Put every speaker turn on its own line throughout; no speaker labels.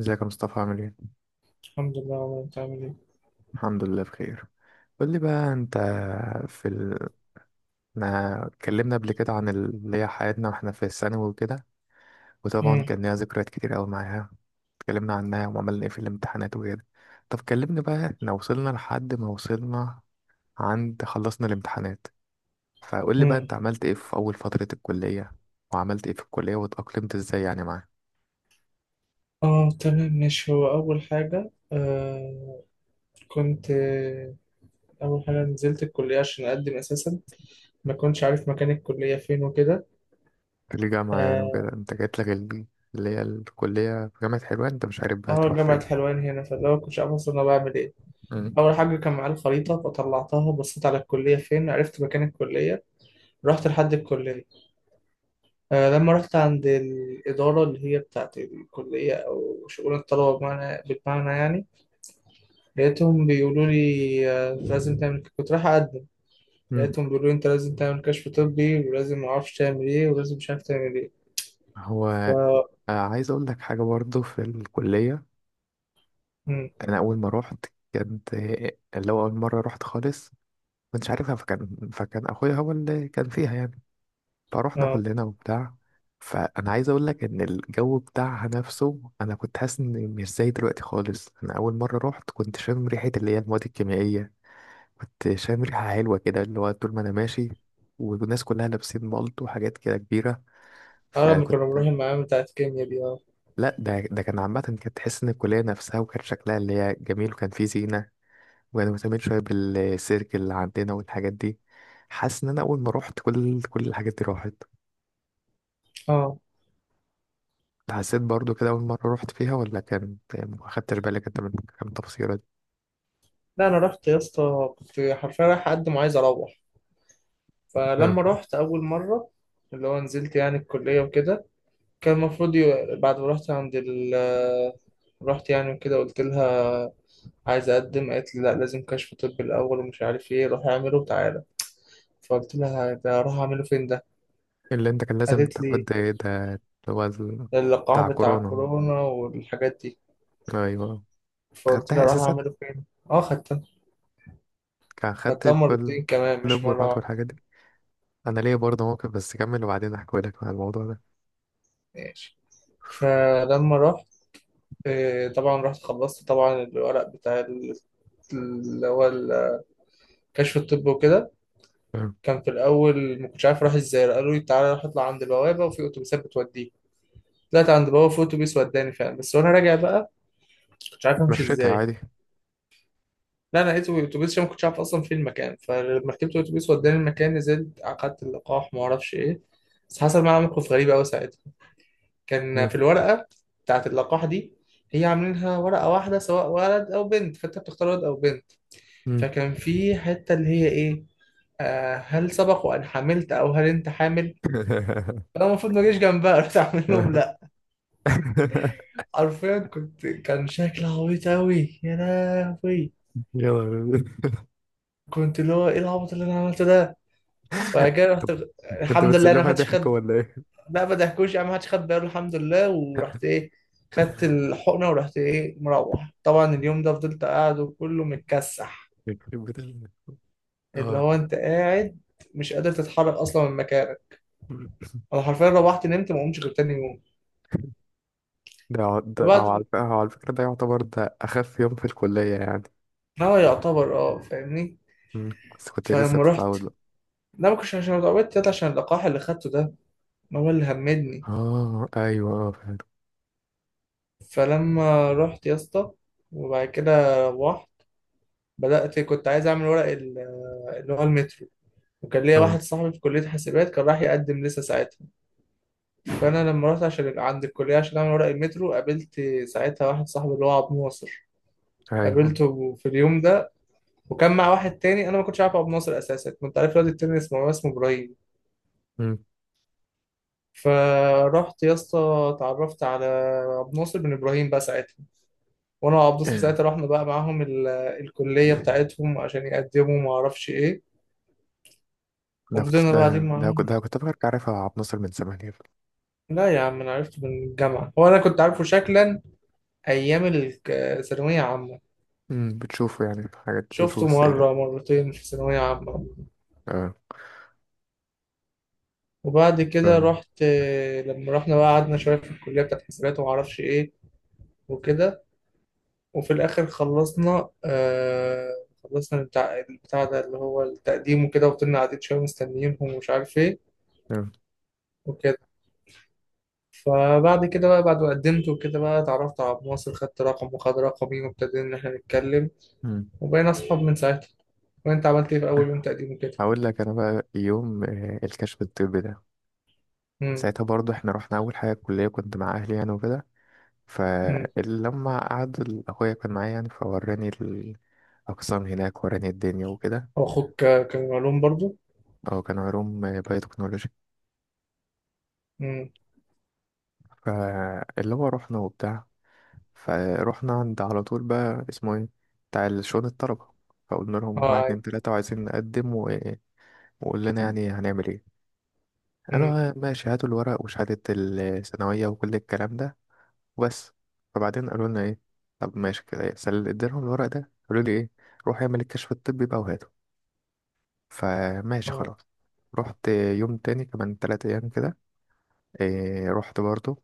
ازيك يا مصطفى؟ عامل ايه؟
الحمد لله، والله انت عامل ايه؟
الحمد لله بخير. قول لي بقى انت، في ال... ما اتكلمنا قبل كده عن اللي هي حياتنا واحنا في الثانوي وكده، وطبعا
مم.
كان ليها ذكريات كتير قوي معاها. اتكلمنا عنها وعملنا ايه في الامتحانات وكده. طب كلمني بقى، احنا وصلنا لحد ما وصلنا عند خلصنا الامتحانات، فقول لي بقى
مم.
انت عملت ايه في اول فترة الكلية، وعملت ايه في الكلية واتأقلمت ازاي يعني معاها،
اه تمام ماشي، هو اول حاجه كنت، اول حاجه نزلت الكليه عشان اقدم اساسا. ما كنتش عارف مكان الكليه فين وكده.
في الجامعة يعني وكده.
اه.
انت جات لك اللي هي الكلية في جامعة حلوان، انت مش عارف بقى
آه،
تروح
جامعه
فين.
حلوان هنا. فاللي هو كنتش عارف اصلا انا بعمل ايه. اول حاجه كان معايا الخريطه، فطلعتها بصيت على الكليه فين، عرفت مكان الكليه. رحت لحد الكليه. لما رحت عند الاداره اللي هي بتاعت الكليه او شؤون الطلبه، بالمعنى يعني. لقيتهم بيقولوا لي، لازم تعمل كنت رايح أقدم.
مم.
لقيتهم بيقولوا لي أنت لازم تعمل كشف طبي، ولازم معرفش تعمل إيه، ولازم مش عارف تعمل إيه.
هو
ف
عايز اقول لك حاجه برضو في الكليه.
مم.
انا اول ما روحت كانت اللي هو اول مره روحت خالص، كنتش عارفها، فكان اخويا هو اللي كان فيها يعني، فروحنا
آه.
كلنا وبتاع. فانا عايز اقول لك ان الجو بتاعها نفسه، انا كنت حاسس ان مش زي دلوقتي خالص. انا اول مره روحت كنت شامم ريحه اللي هي المواد الكيميائيه، كنت شامم ريحه حلوه كده اللي هو طول ما انا ماشي، والناس كلها لابسين مالت وحاجات كده كبيره.
أنا لما
فكنت
كنا بنروح المعامل بتاعت الكيميا دي.
لا، ده كان عامة كانت تحس إن الكلية نفسها وكان شكلها اللي هي جميل، وكان فيه زينة، وأنا مهتمين شوية بالسيرك اللي عندنا والحاجات دي. حاسس إن أنا أول ما روحت كل الحاجات دي راحت.
آه.
أنت حسيت برضو كده أول مرة روحت فيها، ولا كان ما خدتش بالك أنت من كام تفصيلة دي؟
لا، أنا رحت يا اسطى، كنت حرفيا رايح أقدم وعايز أروح.
آه.
فلما رحت أول مرة، اللي هو نزلت يعني الكلية وكده. كان المفروض بعد ما رحت عند رحت يعني وكده، قلت لها عايز أقدم. قالت لي لا، لازم كشف طبي الأول ومش عارف إيه، روح اعمله وتعالى. فقلت لها، ده أروح أعمله فين ده؟
اللي أنت كان لازم
قالت
تاخد
لي
ده اللي هو ال-
اللقاح
بتاع
بتاع
كورونا.
كورونا والحاجات دي.
أيوه.
فقلت لها،
خدتها
أروح
أساسا؟
أعمله فين؟ أه، خدتها.
كان خدت
خدتها
كل
مرتين كمان،
كل
مش مرة
الجرعات
واحدة.
والحاجات دي. أنا ليا برضه موقف، بس كمل وبعدين أحكي لك عن الموضوع ده.
ماشي. فلما رحت، طبعا رحت خلصت طبعا الورق بتاع اللي هو الكشف الطبي وكده.
آه.
كان في الأول ما كنتش عارف أروح إزاي. قالوا لي تعالى روح اطلع عند البوابة وفي أتوبيسات بتوديك. طلعت عند البوابة، في أتوبيس وداني فعلا. بس وأنا راجع بقى كنتش عارف أمشي
مشيتها
إزاي.
عادي؟
لا، انا لقيته بالاتوبيس عشان ما كنتش عارف اصلا فين المكان. فلما ركبت الاتوبيس وداني المكان، نزلت اخدت اللقاح ما اعرفش ايه. بس حصل معايا موقف غريب قوي ساعتها. كان في الورقه بتاعت اللقاح دي، هي عاملينها ورقه واحده سواء ولد او بنت، فانت بتختار ولد او بنت.
مم.
فكان في حته اللي هي ايه، هل سبق وان حملت او هل انت حامل. انا المفروض ما اجيش جنبها، رحت اعمل لهم لا. حرفيا كان شكلي عبيط قوي، يا لهوي.
يا نهار أبيض.
كنت اللي هو ايه العبط اللي انا عملته ده. وبعد كده رحت.
كنت
الحمد لله انا ما
بتسلمها
حدش
ضحك
خد.
ولا ايه؟
لا، ما ضحكوش يعني، ما حدش خد باله الحمد لله، ورحت ايه خدت الحقنه، ورحت ايه مروح طبعا. اليوم ده فضلت قاعد وكله متكسح.
يخرب بيت
اللي
اه.
هو انت قاعد مش قادر تتحرك اصلا من مكانك. انا حرفيا روحت نمت ما قمتش غير تاني يوم.
ده أو
فبعد.
على فكرة أو على فكرة ده يعتبر ده أخف يوم في الكلية يعني.
ما هو يعتبر، فاهمني.
مم. بس كنت لسه
فلما رحت.
بتتعود له.
لا، ما كنتش عشان اتعودت يا اسطى، عشان اللقاح اللي خدته ده ما هو اللي همدني.
اه أيوه، اه فعلا.
فلما رحت يا اسطى، وبعد كده روحت. بدأت كنت عايز أعمل ورق اللي هو المترو. وكان ليا واحد
اه
صاحبي في كلية حاسبات كان راح يقدم لسه ساعتها. فأنا لما رحت عشان عند الكلية عشان أعمل ورق المترو، قابلت ساعتها واحد صاحبي اللي هو عبد الناصر.
أيوه.
قابلته في اليوم ده، وكان مع واحد تاني. أنا ما كنتش عارف عبد الناصر أساسا، كنت عارف الواد التاني اسمه إبراهيم.
مم.
فرحت يا اسطى، اتعرفت على عبد الناصر بن ابراهيم بقى ساعتها. وانا وعبد الناصر ساعتها رحنا بقى معاهم الكليه بتاعتهم عشان يقدموا ما اعرفش ايه.
ده كنت
وفضلنا قاعدين
ده ده كنت
معاهم.
ده كنت فاكر عارفها عبد الناصر من زمان يعني؟
لا يا عم، انا عرفته من الجامعه. هو انا كنت عارفه شكلا ايام الثانويه عامه.
مم. بتشوفه يعني في حاجات
شفته
دروس زي كده؟
مره مرتين في ثانويه عامه.
اه
وبعد
ف
كده رحت. لما رحنا بقى قعدنا شويه في الكليه بتاعت حسابات وما اعرفش ايه وكده. وفي الاخر خلصنا، خلصنا بتاع البتاع ده اللي هو التقديم وكده. وفضلنا قاعدين شويه مستنيينهم ومش عارف ايه
آه.
وكده. فبعد كده بقى، بعد ما قدمت وكده بقى اتعرفت على عبد الناصر، خدت رقمه وخد رقمي وابتدينا ان احنا نتكلم.
مم.
وبقينا اصحاب من ساعتها. وانت عملت ايه في اول يوم تقديم كده؟
هقول لك انا بقى، يوم الكشف الطبي ده،
امم.
ساعتها برضو احنا رحنا اول حاجه الكليه، كنت مع اهلي يعني وكده.
امم.
فلما قعد اخويا كان معايا يعني فوراني الاقسام هناك، وراني الدنيا وكده.
واخوك كان معلوم برضو؟
هو كان علوم بايوتكنولوجي.
امم.
فاللي هو رحنا وبتاع، فروحنا عند على طول بقى اسمه ايه، بتاع شؤون الطلبه. فقلنا لهم واحد
اه ايوه.
اتنين تلاته وعايزين نقدم وقول لنا يعني هنعمل ايه.
امم.
قالوا ماشي هاتوا الورق وشهاده الثانويه وكل الكلام ده وبس. فبعدين قالوا لنا ايه، طب ماشي كده إيه؟ سل اديلهم الورق ده، قالوا لي ايه، روح اعمل الكشف الطبي بقى وهاته. فماشي
اه.
خلاص. رحت يوم تاني كمان 3 ايام كده، إيه رحت برضو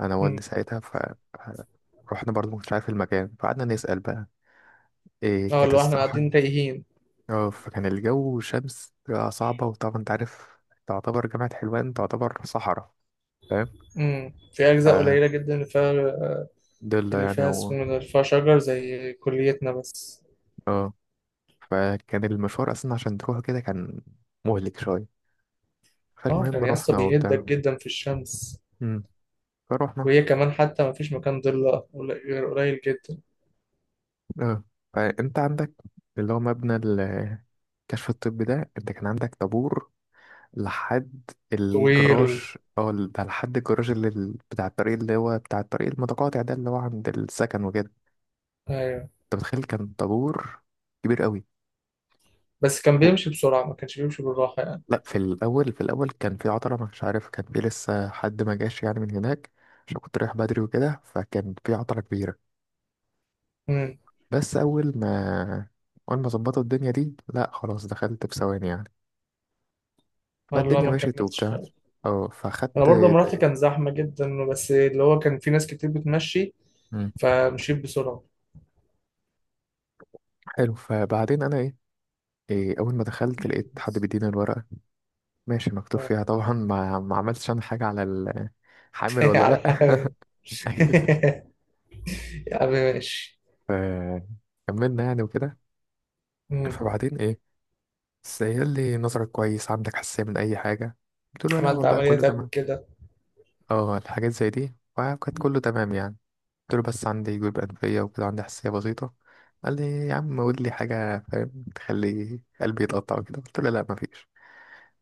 انا
امم.
والدي ساعتها. ف- رحنا برضو مش عارف المكان، فقعدنا نسأل بقى، إيه
اه،
كانت
اللي هو احنا
الصراحة.
قاعدين تايهين.
اه، فكان الجو شمس صعبة، وطبعا انت عارف تعتبر جامعة حلوان تعتبر صحراء، فاهم؟
في اجزاء قليله جدا اللي فيها.
فضلة
اللي
يعني
فيها اسمه ده، اللي فيها شجر زي كليتنا بس.
آه. فكان المشوار اصلا عشان تروح كده كان مهلك شويه.
اه،
فالمهم
كان يا اسطى
رحنا وبتاع.
بيهدك جدا في الشمس.
امم. فروحنا.
وهي كمان حتى ما فيش مكان ضلة غير قليل جدا.
اه، فانت عندك اللي هو مبنى الكشف الطبي ده، انت كان عندك طابور لحد
طويل.
الجراج. ده لحد الجراج، اللي بتاع الطريق، اللي هو بتاع الطريق المتقاطع ده، اللي هو عند السكن وكده.
ايوه.
انت متخيل كان طابور كبير قوي.
بس كان بيمشي بسرعه ما كانش بيمشي بالراحه يعني.
لا، في الاول كان في عطله مش عارف، كان في لسه حد ما جاش يعني من هناك، عشان كنت رايح بدري وكده، فكان في عطله كبيره.
امم.
بس اول ما اول ما ظبطوا الدنيا دي لا خلاص دخلت بثواني يعني.
والله
فالدنيا
ما
مشيت
كملتش.
وبتاع، اه
انا
فاخدت
برضه لما رحت
زي
كان زحمه جدا، بس اللي هو كان في ناس كتير بتمشي،
مم.
فمشيت بسرعه.
حلو. فبعدين انا ايه، إيه اول ما دخلت لقيت حد بيديني الورقه، ماشي مكتوب
آه.
فيها طبعا، ما عملتش انا حاجه على حامل ولا
على
لا.
الحال. يا عم ماشي.
فكملنا يعني وكده.
مم.
فبعدين ايه، بس هي اللي نظرك كويس عندك حساسية من أي حاجة؟ قلت له لا
عملت
والله كله
عمليات قبل
تمام.
كده؟
اه، الحاجات زي دي، وكانت كله تمام يعني. قلت له بس عندي جيوب أنفية وكده، عندي حساسية بسيطة. قال لي يا عم قول لي حاجة فاهم تخلي قلبي يتقطع وكده، قلت له لا مفيش.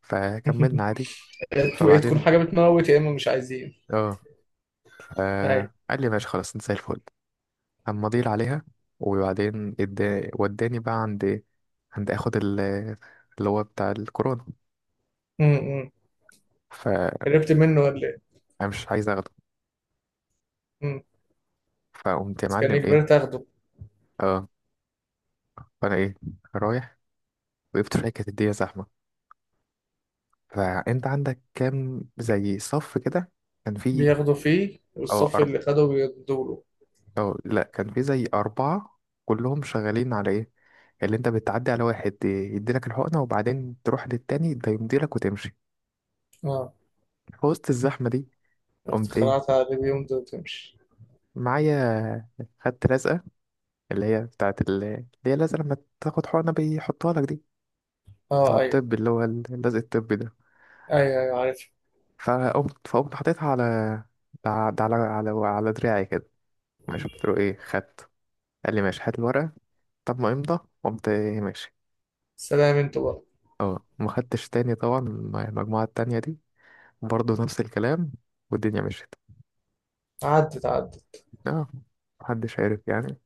فكملنا عادي.
يا تكون
فبعدين
حاجه بتموت يا اما مش عايزين.
اه،
اي.
فقال لي ماشي خلاص انت زي الفل، أما أضيل عليها. وبعدين وداني بقى عند، عند اخد ال- اللي هو بتاع الكورونا.
مم.
فأنا
قربت منه ولا ايه؟
مش عايز اخده.
مم.
فقمت يا
بس كان
معلم
اجباري
ايه.
تاخده.
اه. فانا ايه، رايح وقفت في حته كانت الدنيا زحمه، فانت عندك كام زي صف كده، كان في.
بياخدوا فيه
اه
والصف
أرب...
اللي خده بيدوله.
اه لا، كان في زي اربعه، كلهم شغالين على ايه، اللي انت بتعدي على واحد يديلك الحقنه، وبعدين تروح للتاني ده يمديلك وتمشي،
اه.
في وسط الزحمه دي. قمت ايه،
اخترعت على بيهم ده وتمشي.
معايا خدت لزقه، اللي هي بتاعت اللي هي لزقه لما تاخد حقنه بيحطها لك دي، بتاع
اه ايوه.
الطب اللي هو اللزق الطبي ده.
ايوه. ايوه عارف.
فقمت حطيتها على, دراعي كده. ماشي، قلت له ايه خدت، قال لي ماشي هات الورقة. طب ما امضى. قمت إيه ماشي.
سلام انتوا بقى.
اه، ما خدتش تاني طبعا المجموعة التانية دي، برضه نفس الكلام، والدنيا مشيت.
عدت عدت.
اه، محدش عارف يعني.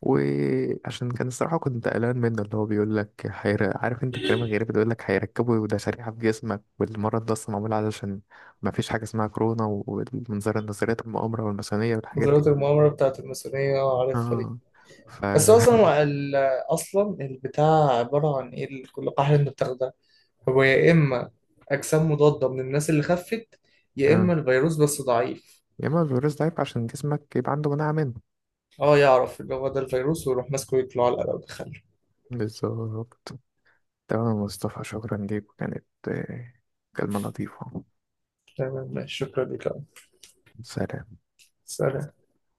وعشان كان الصراحة كنت قلقان منه، اللي هو بيقول لك عارف انت الكلام الغريب اللي بيقول لك هيركبوا ده شريحة في جسمك، والمرض ده اصلا معمول علشان، ما فيش حاجة اسمها كورونا، والمنظار النظريات المؤامرة والماسونية والحاجات دي.
نظرية المؤامرة بتاعت الماسونية، اه عارفها دي.
اه ف
بس أصلا أصلا البتاع عبارة عن إيه، كل قاعدة أنت بتاخدها هو يا إما أجسام مضادة من الناس اللي خفت، يا إما
آه.
الفيروس بس ضعيف.
يا اما الفيروس ده يبقى عشان جسمك يبقى عنده مناعة منه.
اه، يعرف اللي هو ده الفيروس ويروح ماسكه ويطلع على القلم ويدخله.
بالظبط. تمام يا مصطفى، شكرا ليك وكانت كلمة لطيفة.
تمام ماشي، شكرا لك يا عم.
سلام.
سلام.